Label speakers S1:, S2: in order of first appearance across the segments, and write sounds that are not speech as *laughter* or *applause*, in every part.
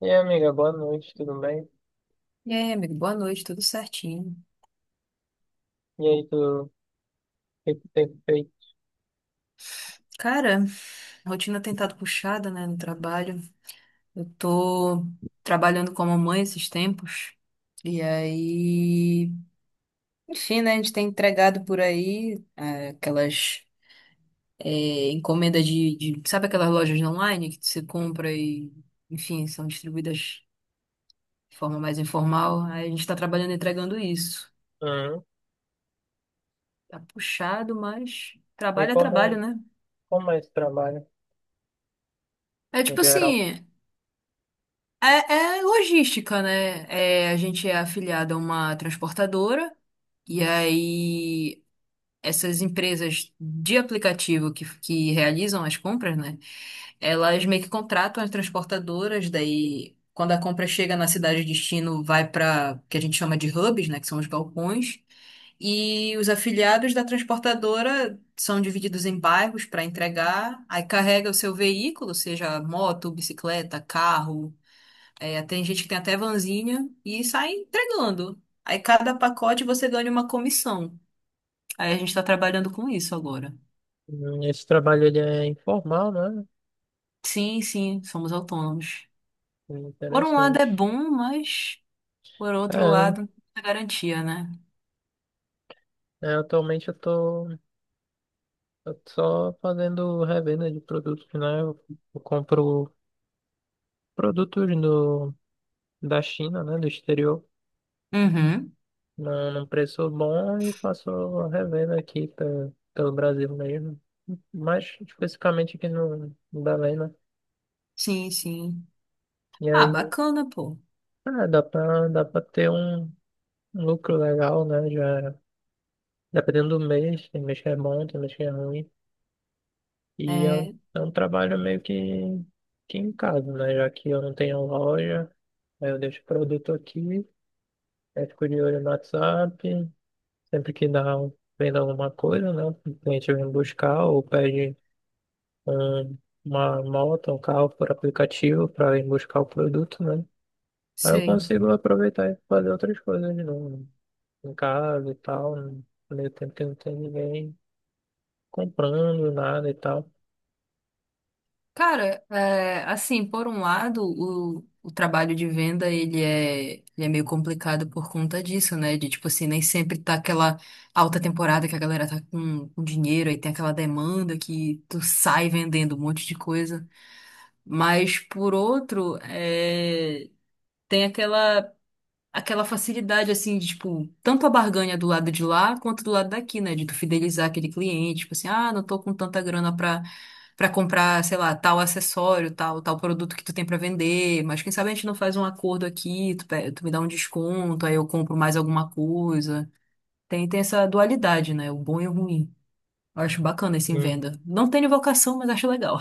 S1: E aí, amiga, boa noite, tudo bem?
S2: E aí, amigo, boa noite, tudo certinho.
S1: E aí, tu, o que que tem feito?
S2: Cara, rotina tem estado puxada, né, no trabalho. Eu tô trabalhando como mãe esses tempos. E aí, enfim, né, a gente tem entregado por aí aquelas encomendas de. Sabe aquelas lojas online que você compra e, enfim, são distribuídas de forma mais informal. Aí a gente tá trabalhando entregando isso.
S1: Hum.
S2: Tá puxado, mas
S1: E
S2: trabalho é trabalho,
S1: como,
S2: né?
S1: como é esse trabalho,
S2: É
S1: no
S2: tipo
S1: geral?
S2: assim. É, é logística, né? É, a gente é afiliado a uma transportadora, e aí essas empresas de aplicativo que realizam as compras, né? Elas meio que contratam as transportadoras, daí quando a compra chega na cidade de destino, vai para que a gente chama de hubs, né? Que são os balcões, e os afiliados da transportadora são divididos em bairros para entregar, aí carrega o seu veículo, seja moto, bicicleta, carro é, tem gente que tem até vanzinha e sai entregando. Aí cada pacote você ganha uma comissão. Aí a gente tá trabalhando com isso agora.
S1: Esse trabalho, ele é informal, né?
S2: Sim, sim, somos autônomos. Por um lado é
S1: Interessante.
S2: bom, mas por outro
S1: É, né?
S2: lado, é garantia, né?
S1: É, atualmente eu tô só fazendo revenda de produtos, né? Eu compro produtos da China, né? Do exterior,
S2: Uhum.
S1: num preço bom e faço a revenda aqui pelo Brasil mesmo. Mais especificamente aqui no Belém, né?
S2: Sim, sim.
S1: E
S2: Ah,
S1: aí
S2: bacana, pô.
S1: ah, dá pra ter um lucro legal, né? Já, dependendo do mês, tem mês que é bom, tem mês que é ruim. E é
S2: É,
S1: um trabalho meio que em casa, né? Já que eu não tenho loja, aí eu deixo o produto aqui, aí fico de olho no WhatsApp. Sempre que dá, vendo alguma coisa, né? O cliente vem buscar ou pede um, uma moto, um carro por aplicativo para ir buscar o produto, né? Aí eu
S2: sei.
S1: consigo aproveitar e fazer outras coisas de novo em casa e tal, no meio tempo que não tem ninguém comprando nada e tal.
S2: Cara, é, assim, por um lado, o trabalho de venda, ele é meio complicado por conta disso, né? De, tipo assim, nem sempre tá aquela alta temporada que a galera tá com dinheiro, aí tem aquela demanda que tu sai vendendo um monte de coisa. Mas, por outro, é, tem aquela, aquela facilidade, assim, de, tipo, tanto a barganha do lado de lá, quanto do lado daqui, né? De tu fidelizar aquele cliente, tipo assim, ah, não tô com tanta grana pra pra comprar, sei lá, tal acessório, tal, tal produto que tu tem pra vender, mas quem sabe a gente não faz um acordo aqui, tu, tu me dá um desconto, aí eu compro mais alguma coisa. Tem essa dualidade, né? O bom e o ruim. Eu acho bacana esse em
S1: Sim,
S2: venda. Não tenho vocação, mas acho legal.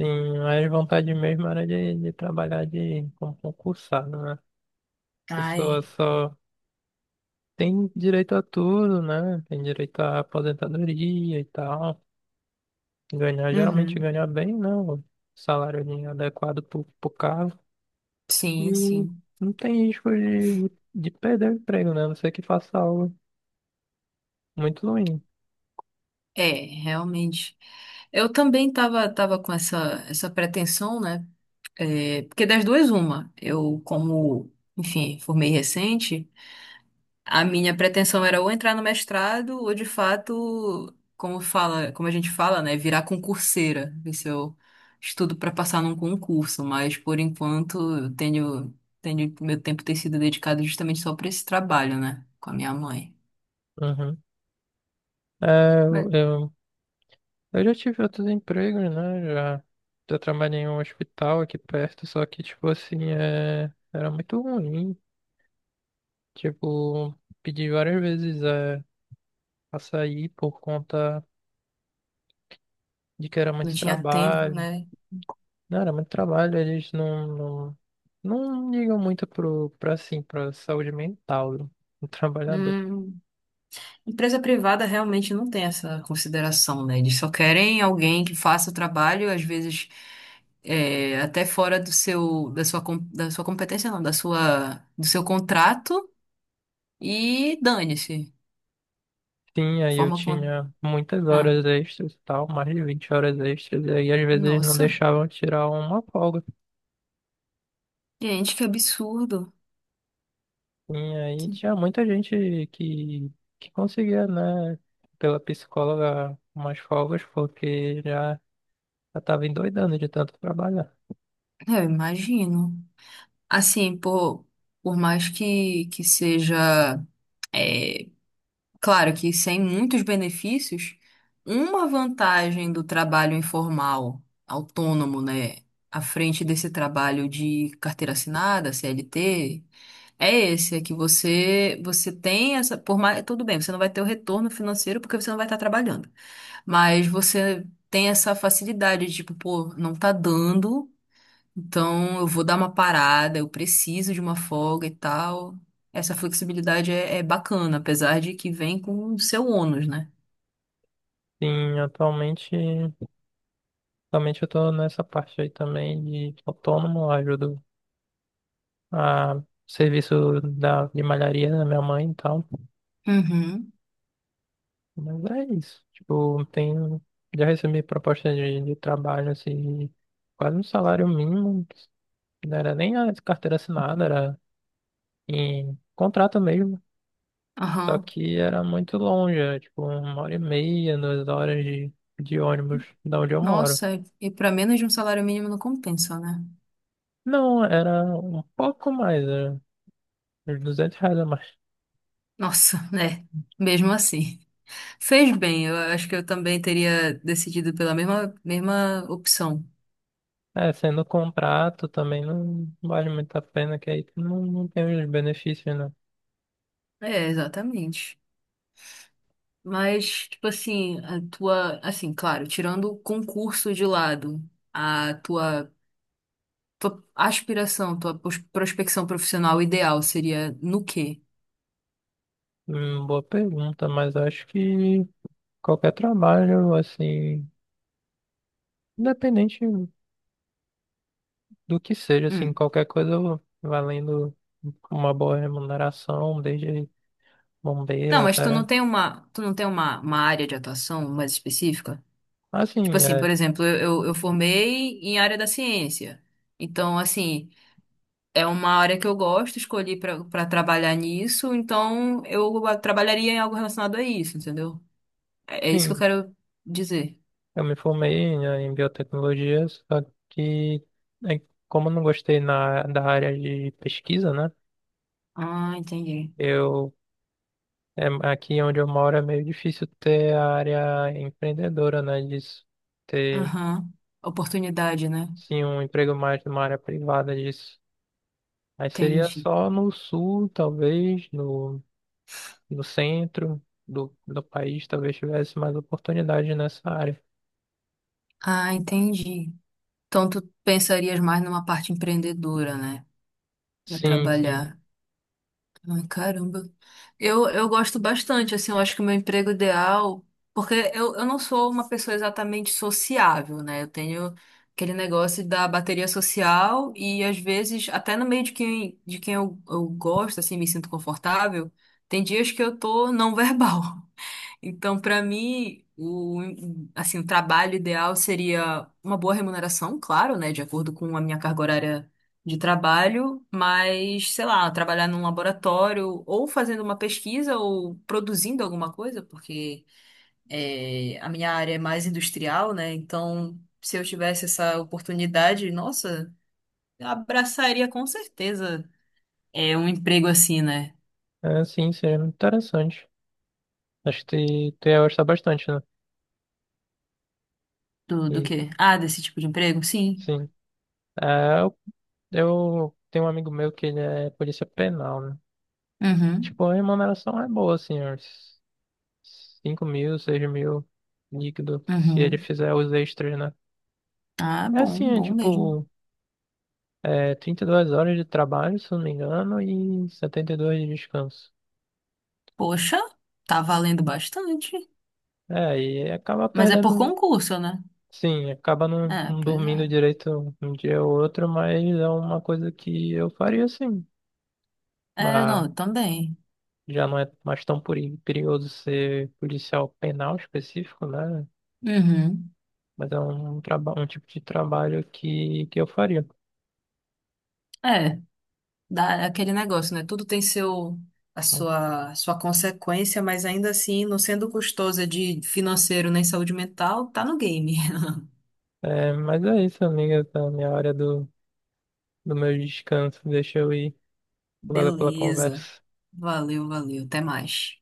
S1: sim, mas vontade mesmo era de trabalhar de, como concursado, né? A
S2: Ah,
S1: pessoa
S2: é.
S1: só tem direito a tudo, né? Tem direito à aposentadoria e tal. Ganhar, geralmente
S2: Uhum.
S1: ganhar bem, né? O salário ali adequado pro cargo.
S2: Sim,
S1: E
S2: sim.
S1: não tem risco de perder o emprego, né? A não ser que faça algo muito ruim.
S2: É, realmente. Eu também tava com essa pretensão, né? É, porque das duas, uma. Eu, como, enfim, formei recente. A minha pretensão era ou entrar no mestrado, ou de fato, como fala, como a gente fala, né, virar concurseira, ver se eu estudo para passar num concurso, mas por enquanto eu tenho, meu tempo tem sido dedicado justamente só para esse trabalho, né, com a minha mãe.
S1: Uhum. É,
S2: Mas
S1: eu, eu já tive outros empregos, né? Já trabalhei em um hospital aqui perto, só que, tipo assim, era muito ruim. Tipo, pedi várias vezes pra sair por conta de que era
S2: não
S1: muito
S2: tinha tempo,
S1: trabalho.
S2: né?
S1: Não, era muito trabalho, eles não ligam muito assim, pra saúde mental do *laughs* trabalhador.
S2: Hum. Empresa privada realmente não tem essa consideração, né? Eles só querem alguém que faça o trabalho, às vezes até fora do seu, da sua competência, não, da sua, do seu contrato e dane-se.
S1: Sim,
S2: A
S1: aí eu
S2: forma como.
S1: tinha muitas
S2: Ah,
S1: horas extras e tal, mais de 20 horas extras, e aí às vezes não
S2: nossa,
S1: deixavam tirar uma folga.
S2: gente, que absurdo.
S1: E aí tinha muita gente que conseguia, né, pela psicóloga, umas folgas, porque já estava endoidando de tanto trabalhar.
S2: É, eu imagino. Assim, por mais que seja. é, Claro que sem muitos benefícios, uma vantagem do trabalho informal, autônomo, né, à frente desse trabalho de carteira assinada, CLT, é esse, é que você tem essa, por mais, tudo bem, você não vai ter o retorno financeiro porque você não vai estar trabalhando, mas você tem essa facilidade de, tipo, pô, não tá dando então, eu vou dar uma parada, eu preciso de uma folga e tal. Essa flexibilidade é bacana, apesar de que vem com o seu ônus, né?
S1: Sim, atualmente eu estou nessa parte aí também de autônomo, eu ajudo a serviço de malharia da minha mãe e tal.
S2: Uhum.
S1: Mas é isso, tipo, já recebi proposta de trabalho, assim, quase um salário mínimo, não era nem a carteira assinada, era em contrato mesmo. Só
S2: Aham.
S1: que era muito longe, era tipo uma hora e meia, duas horas de ônibus da onde eu moro.
S2: Nossa, e para menos de um salário mínimo não compensa, né?
S1: Não, era um pouco mais, era uns R$ 200 a mais.
S2: Nossa, *laughs* né? Mesmo assim. Fez bem, eu acho que eu também teria decidido pela mesma, mesma opção.
S1: É, sendo contrato também não vale muito a pena, que aí não tem os benefícios, né?
S2: É, exatamente. Mas, tipo assim, a tua, assim, claro, tirando o concurso de lado, a tua tua aspiração, tua prospecção profissional ideal seria no quê?
S1: Boa pergunta, mas acho que qualquer trabalho, assim, independente do que seja, assim,
S2: Hum.
S1: qualquer coisa valendo uma boa remuneração, desde bombeiro
S2: Não, mas tu não
S1: até.
S2: tem uma, tu não tem uma área de atuação mais específica? Tipo
S1: Assim,
S2: assim,
S1: é,
S2: por exemplo, eu formei em área da ciência. Então, assim, é uma área que eu gosto, escolhi pra para trabalhar nisso, então eu trabalharia em algo relacionado a isso, entendeu? É, é isso que eu
S1: sim,
S2: quero dizer.
S1: eu me formei, né, em biotecnologia, que é, como eu não gostei da área de pesquisa, né?
S2: Ah, entendi.
S1: Eu, aqui onde eu moro é meio difícil ter a área empreendedora, né? Disso, ter,
S2: Aham. Oportunidade, né?
S1: sim, um emprego mais numa área privada disso. Aí seria
S2: Entendi.
S1: só no sul, talvez, no centro do país, talvez tivesse mais oportunidade nessa área.
S2: Ah, entendi. Então, tu pensarias mais numa parte empreendedora, né? Pra
S1: Sim, sim.
S2: trabalhar. Ai, caramba. Eu gosto bastante, assim, eu acho que o meu emprego ideal. Porque eu não sou uma pessoa exatamente sociável, né? Eu tenho aquele negócio da bateria social e, às vezes, até no meio de quem eu gosto, assim, me sinto confortável, tem dias que eu tô não *laughs* verbal. Então, para mim, o, assim, o trabalho ideal seria uma boa remuneração, claro, né, de acordo com a minha carga horária de trabalho, mas, sei lá, trabalhar num laboratório ou fazendo uma pesquisa ou produzindo alguma coisa, porque é, a minha área é mais industrial, né? Então, se eu tivesse essa oportunidade, nossa, eu abraçaria com certeza é um emprego assim, né?
S1: É, sim, seria muito interessante. Acho que tu ia gostar bastante, né?
S2: Do
S1: E,
S2: quê? Ah, desse tipo de emprego? Sim.
S1: sim. É, eu, eu tenho um amigo meu que ele é polícia penal, né?
S2: Uhum.
S1: Tipo, a remuneração é boa, assim, uns 5 mil, 6 mil líquido, se ele
S2: Uhum.
S1: fizer os extras, né?
S2: Ah,
S1: É assim,
S2: bom,
S1: é
S2: bom mesmo.
S1: tipo, é 32 horas de trabalho, se eu não me engano, e 72 de descanso.
S2: Poxa, tá valendo bastante.
S1: É, e acaba
S2: Mas é por
S1: perdendo,
S2: concurso, né?
S1: sim, acaba
S2: É,
S1: não
S2: pois é.
S1: dormindo direito um dia ou outro, mas é uma coisa que eu faria, sim.
S2: É,
S1: Mas
S2: não, também.
S1: já não é mais tão perigoso ser policial penal específico, né?
S2: Uhum.
S1: Mas é um, traba um tipo de trabalho que eu faria.
S2: É, dá é aquele negócio, né? Tudo tem seu, a
S1: Então,
S2: sua, sua consequência, mas ainda assim, não sendo custosa de financeiro nem saúde mental, tá no game. *laughs*
S1: é, mas é isso, amiga, tá na minha hora do meu descanso. Deixa eu ir. Valeu pela
S2: Beleza.
S1: conversa.
S2: Valeu, valeu. Até mais.